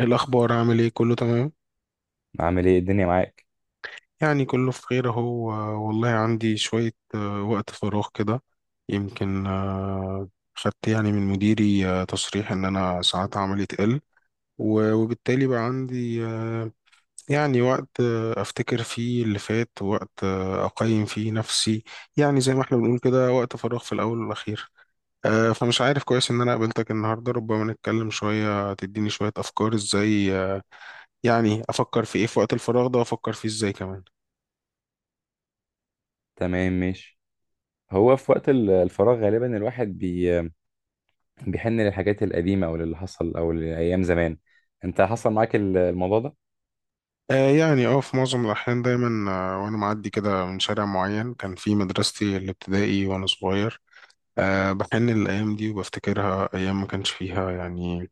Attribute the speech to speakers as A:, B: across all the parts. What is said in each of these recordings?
A: الأخبار عامل إيه؟ كله تمام
B: عامل ايه الدنيا معاك؟
A: يعني كله في خير أهو. والله عندي شوية وقت فراغ كده يمكن. خدت يعني من مديري تصريح إن أنا ساعات عملي تقل وبالتالي بقى عندي يعني وقت أفتكر فيه اللي فات ووقت أقيم فيه نفسي يعني زي ما إحنا بنقول كده وقت فراغ في الأول والأخير. فمش عارف كويس إن أنا قابلتك النهاردة ربما نتكلم شوية تديني شوية أفكار إزاي يعني افكر في ايه في وقت الفراغ ده وافكر فيه ازاي كمان.
B: تمام، ماشي. هو في وقت الفراغ غالبا الواحد بيحن للحاجات القديمة او للي حصل او لأيام زمان. انت حصل معاك الموضوع ده؟
A: يعني في معظم الاحيان دايما وانا معدي كده من شارع معين كان في مدرستي الابتدائي وانا صغير. بحن الايام دي وبفتكرها ايام ما كانش فيها يعني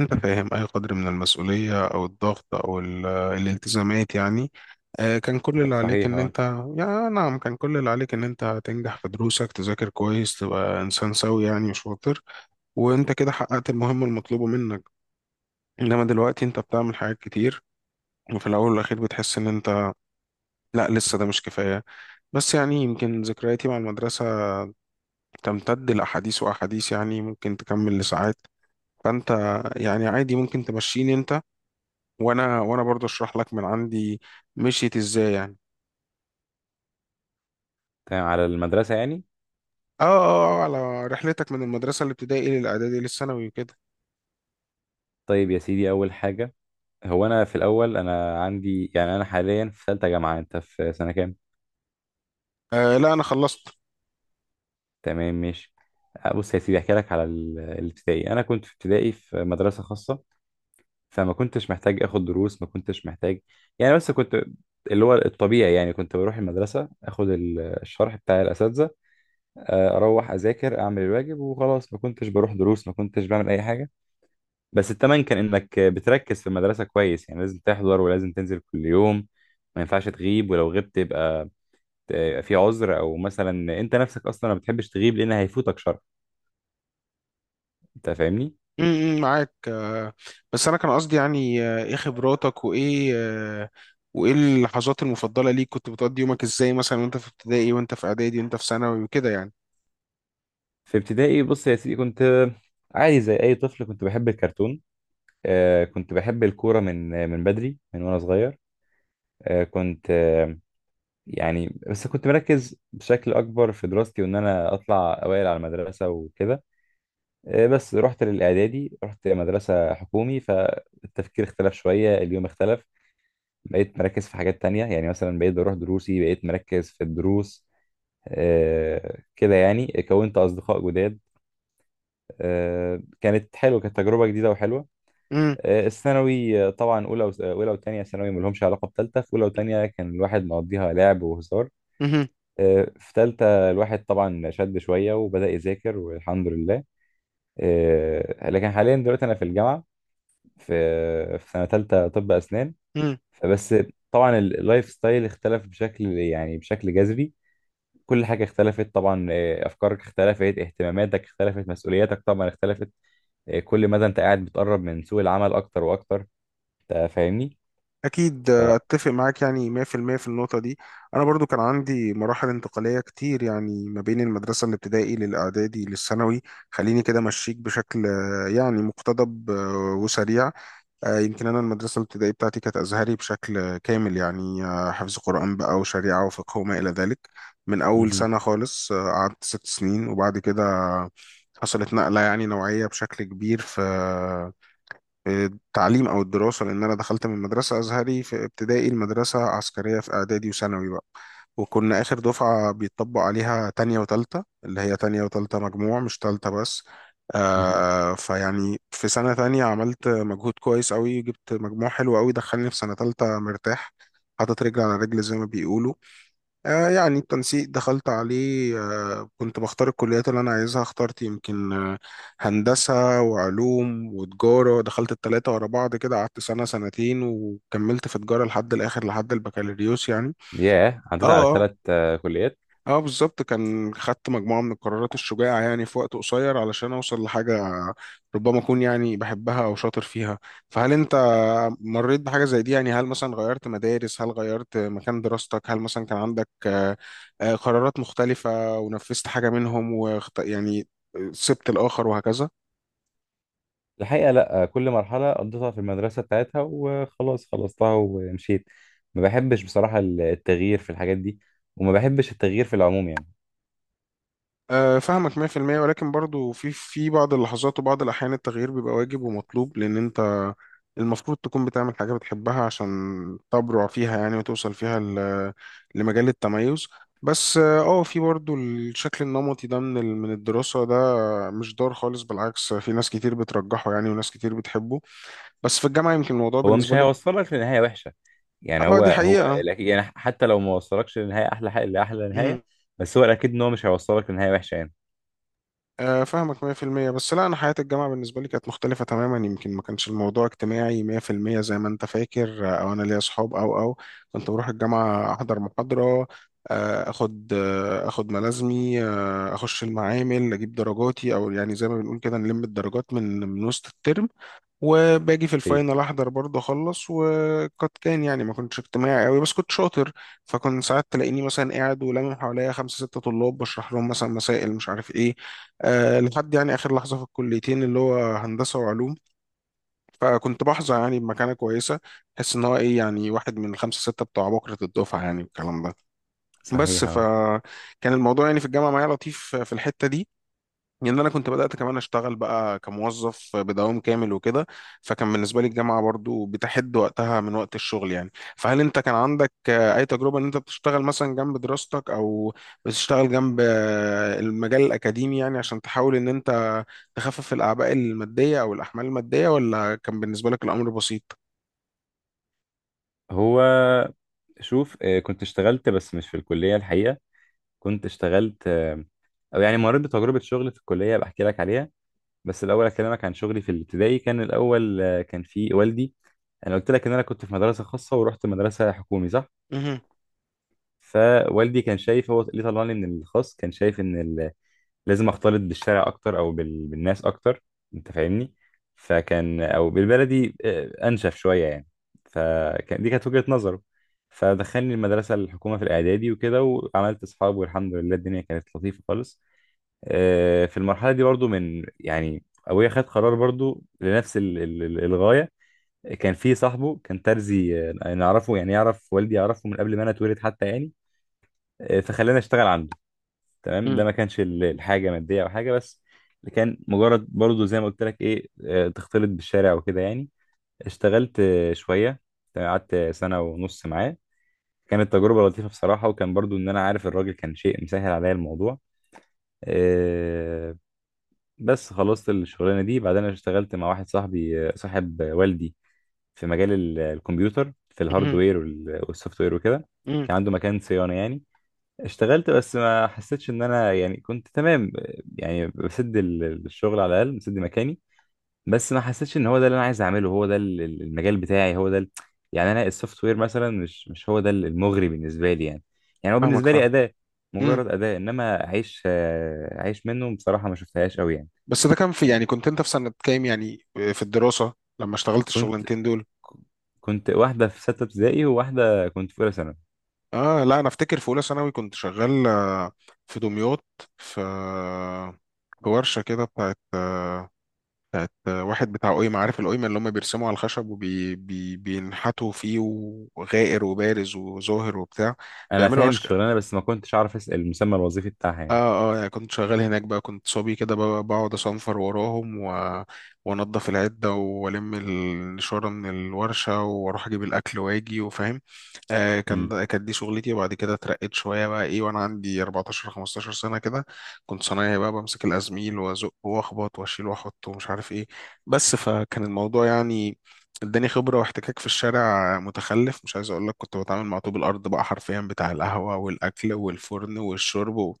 A: انت فاهم اي قدر من المسؤولية او الضغط او الالتزامات يعني. كان كل اللي عليك
B: صحيح،
A: ان
B: اه.
A: انت يعني نعم كان كل اللي عليك ان انت تنجح في دروسك تذاكر كويس تبقى انسان سوي يعني وشاطر. وانت كده حققت المهمة المطلوبة منك، انما دلوقتي انت بتعمل حاجات كتير وفي الاول والاخير بتحس ان انت لا لسه ده مش كفايه. بس يعني يمكن ذكرياتي مع المدرسه تمتد لاحاديث واحاديث يعني ممكن تكمل لساعات. فانت يعني عادي ممكن تمشيني انت وانا برضه اشرح لك من عندي مشيت ازاي يعني.
B: تمام، على المدرسة يعني.
A: على رحلتك من المدرسه الابتدائي للاعدادي للثانوي وكده.
B: طيب يا سيدي، اول حاجة، هو انا في الاول انا عندي يعني انا حاليا في ثالثة جامعة. انت في سنة كام؟
A: لا انا خلصت.
B: تمام، ماشي. بص يا سيدي، احكي لك على الابتدائي. انا كنت في ابتدائي في مدرسة خاصة، فما كنتش محتاج اخد دروس، ما كنتش محتاج يعني، بس كنت اللي هو الطبيعي يعني. كنت بروح المدرسة اخد الشرح بتاع الاساتذة، اروح اذاكر اعمل الواجب وخلاص. ما كنتش بروح دروس، ما كنتش بعمل اي حاجة. بس التمن كان انك بتركز في المدرسة كويس، يعني لازم تحضر ولازم تنزل كل يوم، ما ينفعش تغيب، ولو غبت يبقى في عذر، او مثلا انت نفسك اصلا ما بتحبش تغيب لان هيفوتك شرح. انت فاهمني؟
A: معاك. بس انا كان قصدي يعني ايه خبراتك وايه وايه اللحظات المفضله ليك؟ كنت بتقضي يومك ازاي مثلا وانت في ابتدائي وانت في اعدادي وانت في ثانوي وكده يعني؟
B: في ابتدائي بص يا سيدي، كنت عادي زي اي طفل، كنت بحب الكرتون. كنت بحب الكورة من من بدري، من وأنا صغير. آه، كنت آه، يعني بس كنت مركز بشكل أكبر في دراستي، وإن أنا أطلع أوائل على المدرسة وكده. بس رحت للإعدادي، رحت مدرسة حكومي، فالتفكير اختلف شوية، اليوم اختلف. بقيت مركز في حاجات تانية، يعني مثلا بقيت بروح دروسي، بقيت مركز في الدروس. كده يعني كونت أصدقاء جداد. كانت حلوة، كانت تجربة جديدة وحلوة.
A: امم
B: الثانوي، طبعا اولى اولى وثانيه ثانوي ما لهمش علاقه بثالثه. في اولى وثانيه كان الواحد مقضيها لعب وهزار.
A: امم
B: في ثالثه الواحد طبعا شد شويه وبدا يذاكر، والحمد لله. لكن حاليا دلوقتي انا في الجامعه، في سنه ثالثه طب اسنان.
A: امم
B: فبس، طبعا اللايف ستايل اختلف بشكل يعني بشكل جذري. كل حاجه اختلفت طبعا، افكارك اختلفت، اهتماماتك اختلفت، مسؤولياتك طبعا اختلفت. كل مدى انت قاعد بتقرب من سوق العمل اكتر واكتر. انت فاهمني؟
A: اكيد اتفق معاك يعني 100% في المية في النقطه دي. انا برضو كان عندي مراحل انتقاليه كتير يعني ما بين المدرسه الابتدائي للاعدادي للثانوي. خليني كده امشيك بشكل يعني مقتضب وسريع. يمكن أنا المدرسة الابتدائية بتاعتي كانت أزهري بشكل كامل يعني حفظ قرآن بقى وشريعة وفقه وما إلى ذلك من أول
B: مهم.
A: سنة خالص. قعدت ست سنين وبعد كده حصلت نقلة يعني نوعية بشكل كبير في التعليم او الدراسه لان انا دخلت من مدرسه ازهري في ابتدائي المدرسه عسكريه في اعدادي وثانوي بقى. وكنا اخر دفعه بيطبق عليها تانية وتالتة اللي هي تانية وتالتة مجموع مش تالتة بس.
B: مهم.
A: فيعني في سنه تانية عملت مجهود كويس قوي جبت مجموع حلو قوي دخلني في سنه تالتة مرتاح حاطط رجل على رجل زي ما بيقولوا. يعني التنسيق دخلت عليه كنت بختار الكليات اللي أنا عايزها، اخترت يمكن هندسة وعلوم وتجارة، دخلت التلاتة ورا بعض كده قعدت سنة سنتين وكملت في تجارة لحد الآخر لحد البكالوريوس يعني.
B: ياه،
A: اه
B: عديت على
A: آه.
B: ثلاث كليات.
A: اه. بالظبط، كان خدت مجموعة من القرارات الشجاعة يعني في وقت قصير علشان اوصل لحاجة ربما اكون يعني بحبها او شاطر فيها. فهل انت مريت بحاجة زي دي؟ يعني هل مثلا غيرت مدارس؟ هل غيرت مكان دراستك؟ هل مثلا كان عندك قرارات مختلفة ونفذت حاجة منهم يعني سبت الآخر وهكذا؟
B: الحقيقة لا، كل مرحلة قضيتها في المدرسة بتاعتها وخلاص، خلصتها ومشيت. ما بحبش بصراحة التغيير في الحاجات دي، وما بحبش التغيير في العموم يعني.
A: فاهمك 100%، ولكن برضو في بعض اللحظات وبعض الأحيان التغيير بيبقى واجب ومطلوب لأن أنت المفروض تكون بتعمل حاجة بتحبها عشان تبرع فيها يعني وتوصل فيها لمجال التميز. بس في برضو الشكل النمطي ده من من الدراسة، ده مش ضار خالص، بالعكس في ناس كتير بترجحه يعني وناس كتير بتحبه. بس في الجامعة يمكن الموضوع
B: هو مش
A: بالنسبة لك.
B: هيوصلك لنهاية وحشة يعني.
A: اه
B: هو
A: دي
B: هو
A: حقيقة.
B: الأكيد يعني، حتى لو ما وصلكش لنهاية أحلى حاجة لأحلى
A: مهم.
B: نهاية، بس هو الأكيد إن هو مش هيوصلك لنهاية وحشة يعني.
A: فاهمك 100%، بس لا انا حياة الجامعة بالنسبة لي كانت مختلفة تماما، يمكن ما كانش الموضوع اجتماعي 100% زي ما انت فاكر او انا ليا اصحاب او كنت بروح الجامعة احضر محاضرة اخد اخد ملازمي اخش المعامل اجيب درجاتي، او يعني زي ما بنقول كده نلم الدرجات من وسط الترم، وباجي في
B: هي
A: الفاينل احضر برضه اخلص وقد كان يعني ما كنتش اجتماعي قوي بس كنت شاطر. فكنت ساعات تلاقيني مثلا قاعد ولامم حواليا خمسة ستة طلاب بشرح لهم مثلا مسائل مش عارف ايه. أه لحد يعني اخر لحظة في الكليتين اللي هو هندسة وعلوم، فكنت بحظى يعني بمكانة كويسة. احس ان هو ايه يعني واحد من الخمسة ستة بتوع بكرة الدفعة يعني والكلام ده. بس
B: صحيح، آه.
A: فكان الموضوع يعني في الجامعة معايا لطيف في الحتة دي. يعني انا كنت بدات كمان اشتغل بقى كموظف بدوام كامل وكده. فكان بالنسبه لي الجامعه برضو بتحد وقتها من وقت الشغل يعني. فهل انت كان عندك اي تجربه ان انت بتشتغل مثلا جنب دراستك او بتشتغل جنب المجال الاكاديمي يعني عشان تحاول ان انت تخفف الاعباء الماديه او الاحمال الماديه، ولا كان بالنسبه لك الامر بسيط؟
B: هو شوف، كنت اشتغلت بس مش في الكلية الحقيقة. كنت اشتغلت، او يعني مريت بتجربه شغل في الكليه، بحكي لك عليها. بس الاول اكلمك عن شغلي في الابتدائي. كان الاول كان في والدي. انا قلت لك ان انا كنت في مدرسه خاصه ورحت مدرسه حكومي، صح؟
A: مهم.
B: فوالدي كان شايف، هو اللي طلعني من الخاص، كان شايف ان لازم اختلط بالشارع اكتر، او بالناس اكتر. انت فاهمني؟ فكان، او بالبلدي، انشف شويه يعني. فكان دي كانت وجهه نظره. فدخلني المدرسه الحكومه في الاعدادي وكده، وعملت اصحاب، والحمد لله الدنيا كانت لطيفه خالص. في المرحلة دي برضو من يعني أبويا خد قرار برضو لنفس الغاية. كان في صاحبه، كان ترزي، نعرفه يعني، يعرف والدي، يعرفه من قبل ما أنا اتولد حتى يعني. فخلاني أشتغل عنده. تمام، ده
A: مم.
B: ما كانش الحاجة مادية أو حاجة، بس كان مجرد برضو زي ما قلت لك إيه، تختلط بالشارع وكده يعني. اشتغلت شوية. تمام، قعدت سنة ونص معاه. كانت تجربة لطيفة بصراحة، وكان برضو إن أنا عارف الراجل كان شيء مسهل عليا الموضوع. آه، بس خلصت الشغلانه دي. بعدين انا اشتغلت مع واحد صاحبي، صاحب والدي، في مجال الكمبيوتر، في
A: مهم.
B: الهاردوير والسوفت وير وكده.
A: مم.
B: كان عنده مكان صيانه يعني. اشتغلت بس ما حسيتش ان انا يعني كنت تمام. يعني بسد الشغل على الاقل، بسد مكاني. بس ما حسيتش ان هو ده اللي انا عايز اعمله، هو ده المجال بتاعي، يعني انا السوفت وير مثلا مش هو ده المغري بالنسبه لي يعني. يعني هو
A: فاهمك
B: بالنسبه لي
A: فاهمك.
B: اداه،
A: امم،
B: مجرد اداه، انما اعيش منه بصراحه ما شفتهاش قوي.
A: بس ده كان في يعني كنت انت في سنه كام يعني في الدراسه لما اشتغلت
B: يعني
A: الشغلانتين دول؟
B: كنت واحدة في ستة ابتدائي وواحدة كنت في أولى ثانوي.
A: اه لا انا افتكر في اولى ثانوي كنت شغال في دمياط في في ورشه كده بتاعت واحد بتاع قيمه، عارف القيمه اللي هم بيرسموا على الخشب وبينحتوا فيه وغائر وبارز وظاهر وبتاع
B: أنا
A: بيعملوا
B: فاهم
A: اشكال.
B: الشغلانة، بس ما كنتش أعرف أسأل المسمى الوظيفي بتاعها
A: اه
B: يعني.
A: اه يعني كنت شغال هناك بقى، كنت صبي كده بقعد اصنفر وراهم وانضف العده والم النشاره من الورشه واروح اجيب الاكل واجي وفاهم. كان
B: امم،
A: كانت دي شغلتي، وبعد كده اترقيت شويه بقى ايه وانا عندي 14 15 سنه كده. كنت صنايعي بقى بمسك الازميل وازق واخبط واشيل واحط ومش عارف ايه. بس فكان الموضوع يعني اداني خبره واحتكاك في الشارع متخلف، مش عايز اقول لك، كنت بتعامل مع طوب الارض بقى حرفيا، بتاع القهوه والاكل والفرن والشرب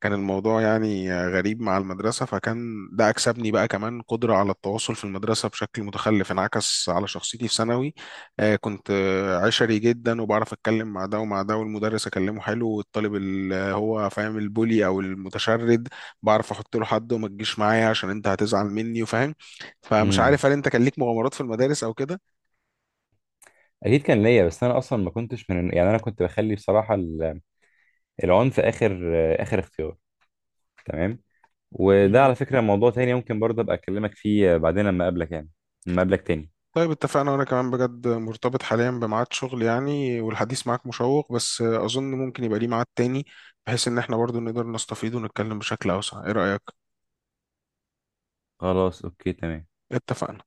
A: كان الموضوع يعني غريب مع المدرسه، فكان ده اكسبني بقى كمان قدره على التواصل في المدرسه بشكل متخلف انعكس على شخصيتي في ثانوي. كنت عشري جدا وبعرف اتكلم مع ده ومع ده، والمدرس اكلمه حلو، والطالب اللي هو فاهم البولي او المتشرد بعرف احط له حد وما تجيش معايا عشان انت هتزعل مني وفاهم. فمش
B: امم.
A: عارف هل انت كان ليك مغامرات في المدارس او كده؟
B: أكيد كان ليا، بس أنا أصلا ما كنتش من، يعني أنا كنت بخلي بصراحة العنف آخر اختيار. تمام. وده
A: مهم.
B: على فكرة موضوع تاني، ممكن برضه أبقى أكلمك فيه بعدين لما أقابلك يعني، لما أقابلك تاني.
A: طيب اتفقنا، وانا كمان بجد مرتبط حاليا بميعاد شغل يعني، والحديث معاك مشوق بس اظن ممكن يبقى ليه ميعاد تاني بحيث ان احنا برضو نقدر نستفيد ونتكلم بشكل اوسع. ايه رأيك؟
B: خلاص، أوكي، تمام.
A: اتفقنا.